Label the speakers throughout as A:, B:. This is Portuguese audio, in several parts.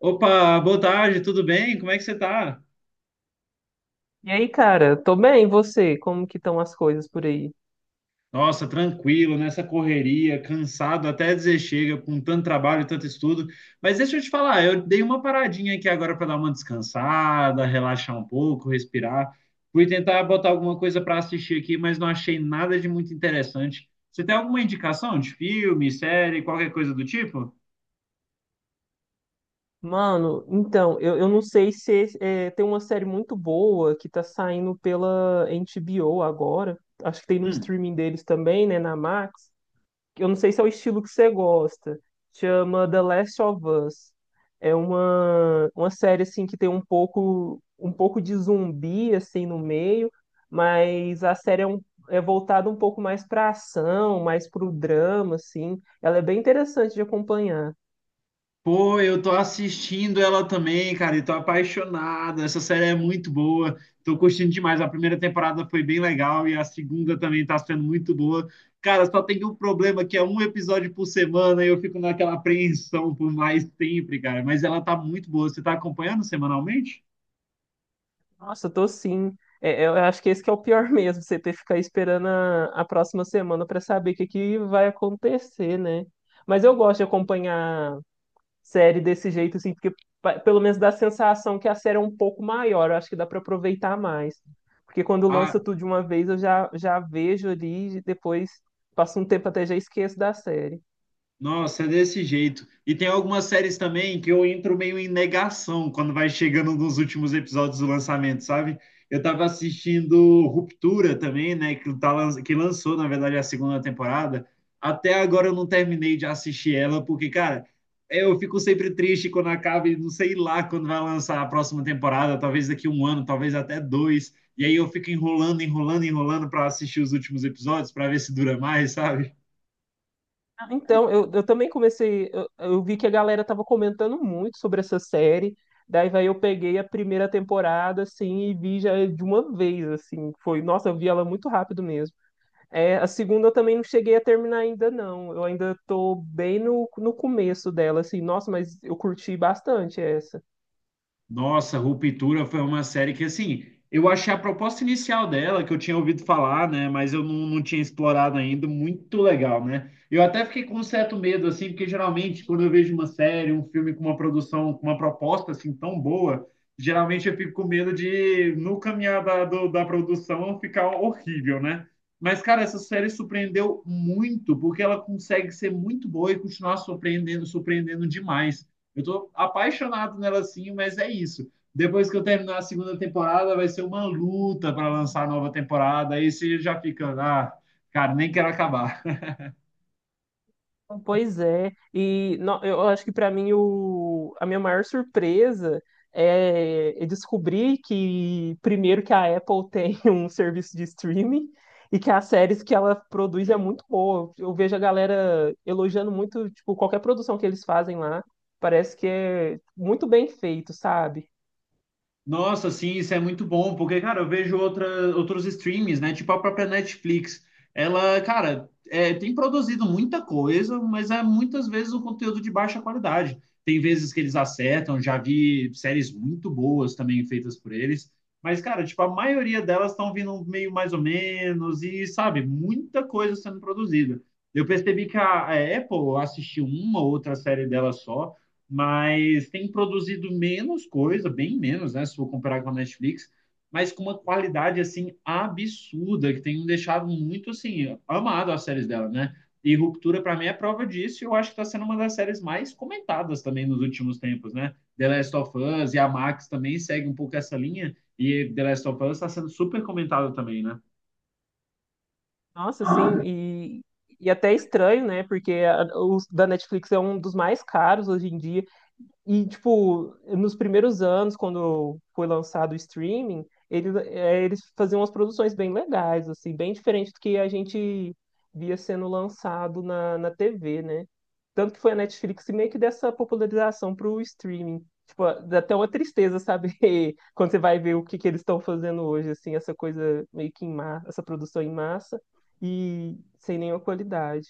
A: Opa, boa tarde, tudo bem? Como é que você tá?
B: E aí, cara, tô bem, e você? Como que estão as coisas por aí?
A: Nossa, tranquilo, nessa correria, cansado até dizer chega, com tanto trabalho, e tanto estudo. Mas deixa eu te falar, eu dei uma paradinha aqui agora para dar uma descansada, relaxar um pouco, respirar. Fui tentar botar alguma coisa para assistir aqui, mas não achei nada de muito interessante. Você tem alguma indicação de filme, série, qualquer coisa do tipo?
B: Mano, então, eu não sei se tem uma série muito boa que tá saindo pela HBO agora. Acho que tem no
A: Hum.
B: streaming deles também, né, na Max. Que eu não sei se é o estilo que você gosta. Chama The Last of Us. É uma série assim que tem um pouco de zumbi assim no meio, mas a série é é voltada um pouco mais para ação, mais para o drama assim. Ela é bem interessante de acompanhar.
A: Pô, eu tô assistindo ela também, cara, e tô apaixonado. Essa série é muito boa. Tô curtindo demais. A primeira temporada foi bem legal e a segunda também tá sendo muito boa. Cara, só tem um problema que é um episódio por semana e eu fico naquela apreensão por mais sempre, cara. Mas ela tá muito boa. Você tá acompanhando semanalmente?
B: Nossa, tô sim. Eu acho que esse que é o pior mesmo, você ter que ficar esperando a próxima semana para saber o que que vai acontecer, né? Mas eu gosto de acompanhar série desse jeito, assim, porque pelo menos dá a sensação que a série é um pouco maior, eu acho que dá para aproveitar mais. Porque quando
A: Ah,
B: lança tudo de uma vez, eu já vejo ali, e depois passa um tempo até já esqueço da série.
A: nossa, é desse jeito. E tem algumas séries também que eu entro meio em negação quando vai chegando nos últimos episódios do lançamento, sabe? Eu tava assistindo Ruptura também, né? Que, tá, que lançou, na verdade, a segunda temporada. Até agora eu não terminei de assistir ela, porque, cara, eu fico sempre triste quando acaba e não sei lá quando vai lançar a próxima temporada, talvez daqui um ano, talvez até dois. E aí eu fico enrolando, enrolando, enrolando para assistir os últimos episódios, para ver se dura mais, sabe?
B: Ah, então, eu também comecei, eu vi que a galera tava comentando muito sobre essa série, daí vai eu peguei a primeira temporada, assim, e vi já de uma vez, assim, foi, nossa, eu vi ela muito rápido mesmo. É, a segunda eu também não cheguei a terminar ainda, não. Eu ainda tô bem no começo dela, assim. Nossa, mas eu curti bastante essa.
A: Nossa, Ruptura foi uma série que, assim, eu achei a proposta inicial dela, que eu tinha ouvido falar, né, mas eu não tinha explorado ainda, muito legal, né? Eu até fiquei com um certo medo, assim, porque geralmente quando eu vejo uma série, um filme com uma produção, com uma proposta, assim, tão boa, geralmente eu fico com medo de, no caminhar da, da produção, ficar horrível, né? Mas, cara, essa série surpreendeu muito, porque ela consegue ser muito boa e continuar surpreendendo, surpreendendo demais. Eu tô apaixonado nela sim, mas é isso. Depois que eu terminar a segunda temporada, vai ser uma luta para lançar a nova temporada. Aí você já fica, ah, cara, nem quero acabar.
B: Pois é. E eu acho que para mim o, a minha maior surpresa é descobrir que, primeiro, que a Apple tem um serviço de streaming e que as séries que ela produz é muito boa. Eu vejo a galera elogiando muito, tipo, qualquer produção que eles fazem lá. Parece que é muito bem feito, sabe?
A: Nossa, sim, isso é muito bom, porque, cara, eu vejo outra, outros streams, né? Tipo a própria Netflix. Ela, cara, é, tem produzido muita coisa, mas é muitas vezes um conteúdo de baixa qualidade. Tem vezes que eles acertam, já vi séries muito boas também feitas por eles. Mas, cara, tipo, a maioria delas estão vindo meio mais ou menos, e, sabe, muita coisa sendo produzida. Eu percebi que a Apple assistiu uma ou outra série dela só, mas tem produzido menos coisa, bem menos, né? Se for comparar com a Netflix, mas com uma qualidade assim absurda que tem me deixado muito assim amado as séries dela, né? E Ruptura para mim é prova disso. E eu acho que está sendo uma das séries mais comentadas também nos últimos tempos, né? The Last of Us e a Max também segue um pouco essa linha e The Last of Us está sendo super comentada também, né?
B: Nossa, sim, e até é estranho, né? Porque os da Netflix é um dos mais caros hoje em dia. E, tipo, nos primeiros anos, quando foi lançado o streaming, ele, é, eles faziam umas produções bem legais, assim, bem diferente do que a gente via sendo lançado na TV, né? Tanto que foi a Netflix que meio que dessa popularização pro streaming. Tipo, dá até uma tristeza saber quando você vai ver o que, que eles estão fazendo hoje, assim, essa coisa meio que em massa, essa produção em massa e sem nenhuma qualidade.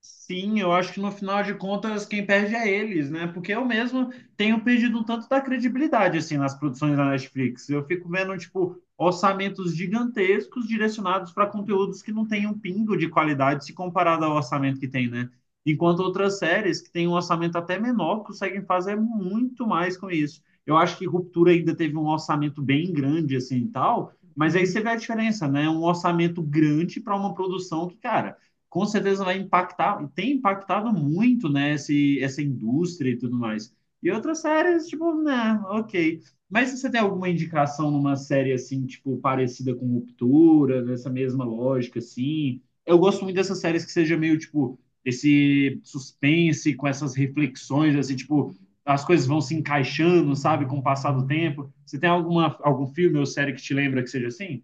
A: Sim, eu acho que no final de contas quem perde é eles, né? Porque eu mesmo tenho perdido um tanto da credibilidade assim nas produções da Netflix. Eu fico vendo tipo orçamentos gigantescos direcionados para conteúdos que não têm um pingo de qualidade se comparado ao orçamento que tem, né? Enquanto outras séries que têm um orçamento até menor conseguem fazer muito mais com isso. Eu acho que Ruptura ainda teve um orçamento bem grande assim e tal, mas aí você vê a diferença, né? Um orçamento grande para uma produção que, cara, com certeza vai impactar, e tem impactado muito, né, essa indústria e tudo mais. E outras séries, tipo, né, ok. Mas você tem alguma indicação numa série assim, tipo, parecida com Ruptura, nessa mesma lógica, assim? Eu gosto muito dessas séries que seja meio, tipo, esse suspense com essas reflexões, assim, tipo, as coisas vão se encaixando, sabe, com o passar do tempo. Você tem alguma, algum filme ou série que te lembra que seja assim?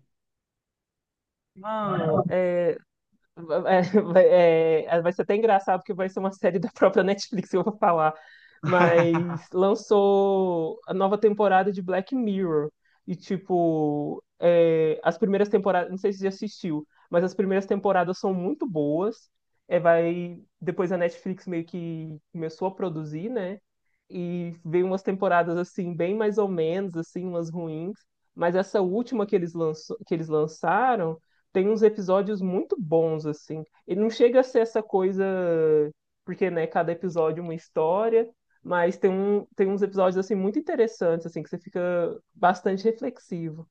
B: Mano, é, vai ser até engraçado porque vai ser uma série da própria Netflix que eu vou falar. Mas lançou a nova temporada de Black Mirror. E, tipo, é, as primeiras temporadas. Não sei se você já assistiu, mas as primeiras temporadas são muito boas. É, vai, depois a Netflix meio que começou a produzir, né? E veio umas temporadas assim bem mais ou menos, assim, umas ruins, mas essa última que eles lançaram tem uns episódios muito bons assim. Ele não chega a ser essa coisa porque, né, cada episódio é uma história, mas tem uns episódios assim muito interessantes assim que você fica bastante reflexivo.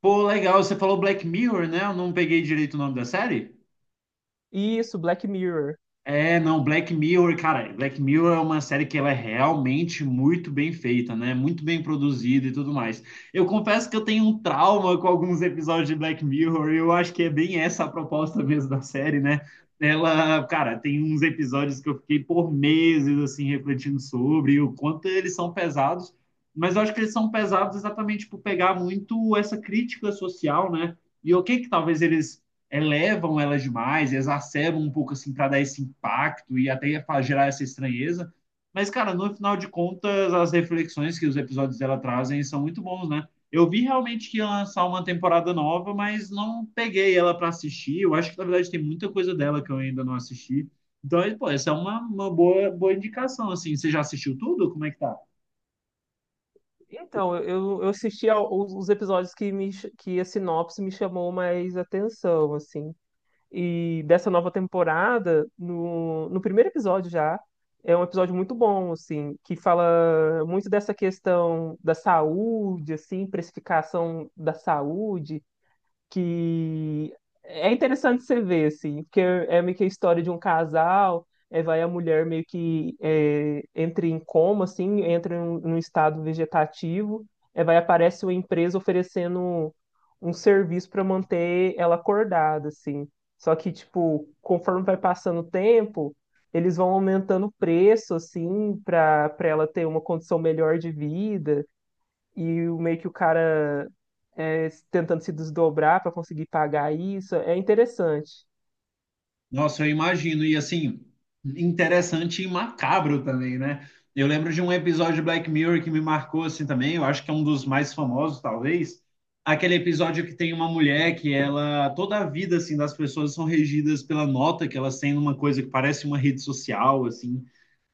A: Pô, legal, você falou Black Mirror, né? Eu não peguei direito o nome da série?
B: Isso, Black Mirror.
A: É, não, Black Mirror, cara, Black Mirror é uma série que ela é realmente muito bem feita, né? Muito bem produzida e tudo mais. Eu confesso que eu tenho um trauma com alguns episódios de Black Mirror, e eu acho que é bem essa a proposta mesmo da série, né? Ela, cara, tem uns episódios que eu fiquei por meses assim refletindo sobre o quanto eles são pesados, mas eu acho que eles são pesados exatamente por pegar muito essa crítica social, né? E o que que talvez eles elevam elas demais, exacerbam um pouco assim para dar esse impacto e até para gerar essa estranheza. Mas, cara, no final de contas, as reflexões que os episódios dela trazem são muito bons, né? Eu vi realmente que ia lançar uma temporada nova, mas não peguei ela para assistir. Eu acho que, na verdade, tem muita coisa dela que eu ainda não assisti. Então, pô, essa é uma boa, boa indicação, assim. Você já assistiu tudo? Como é que tá?
B: Então, eu assisti aos, os episódios que a sinopse me chamou mais atenção, assim. E dessa nova temporada, no primeiro episódio já, é um episódio muito bom, assim, que fala muito dessa questão da saúde, assim, precificação da saúde que é interessante você ver, assim, porque é meio que a história de um casal, é, vai a mulher meio que é, entra em coma, assim, entra em um estado vegetativo, é, vai aparece uma empresa oferecendo um serviço para manter ela acordada, assim. Só que, tipo, conforme vai passando o tempo, eles vão aumentando o preço, assim, para ela ter uma condição melhor de vida e meio que o cara é, tentando se desdobrar para conseguir pagar isso. É interessante.
A: Nossa, eu imagino. E assim, interessante e macabro também, né? Eu lembro de um episódio de Black Mirror que me marcou assim também. Eu acho que é um dos mais famosos, talvez. Aquele episódio que tem uma mulher que ela, toda a vida assim das pessoas são regidas pela nota que elas têm numa coisa que parece uma rede social, assim.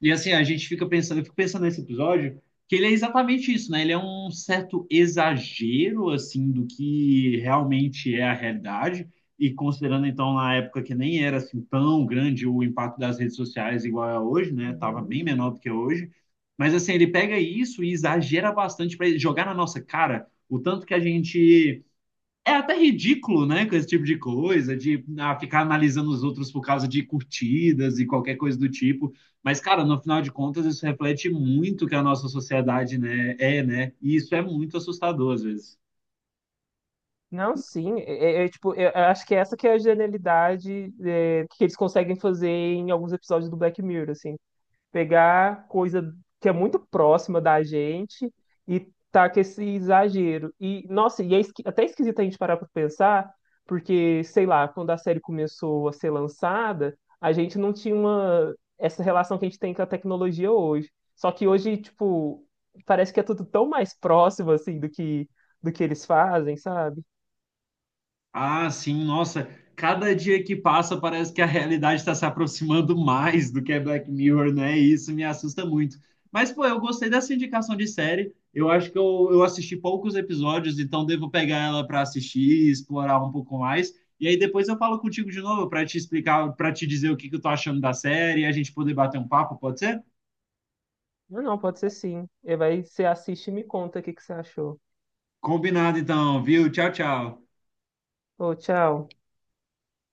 A: E assim, a gente fica pensando, eu fico pensando nesse episódio, que ele é exatamente isso, né? Ele é um certo exagero assim do que realmente é a realidade e considerando, então, na época que nem era assim tão grande o impacto das redes sociais igual é hoje, né? Tava bem
B: Uhum.
A: menor do que é hoje. Mas, assim, ele pega isso e exagera bastante para jogar na nossa cara o tanto que a gente. É até ridículo, né? Com esse tipo de coisa, de ah, ficar analisando os outros por causa de curtidas e qualquer coisa do tipo. Mas, cara, no final de contas, isso reflete muito o que a nossa sociedade, né, é, né? E isso é muito assustador às vezes.
B: Não, sim, tipo, eu acho que essa que é a genialidade é, que eles conseguem fazer em alguns episódios do Black Mirror, assim, pegar coisa que é muito próxima da gente e tá com esse exagero. E, nossa, e é até esquisito a gente parar pra pensar, porque, sei lá, quando a série começou a ser lançada, a gente não tinha uma, essa relação que a gente tem com a tecnologia hoje. Só que hoje, tipo, parece que é tudo tão mais próximo, assim, do que eles fazem, sabe?
A: Ah, sim, nossa, cada dia que passa parece que a realidade está se aproximando mais do que é Black Mirror, né? E isso me assusta muito. Mas, pô, eu gostei dessa indicação de série. Eu acho que eu assisti poucos episódios, então devo pegar ela para assistir explorar um pouco mais. E aí depois eu falo contigo de novo para te explicar, para te dizer o que que eu tô achando da série e a gente poder bater um papo, pode ser?
B: Não, não, pode ser sim. E vai, você assiste e me conta o que que você achou.
A: Combinado então, viu? Tchau, tchau.
B: Ô, tchau.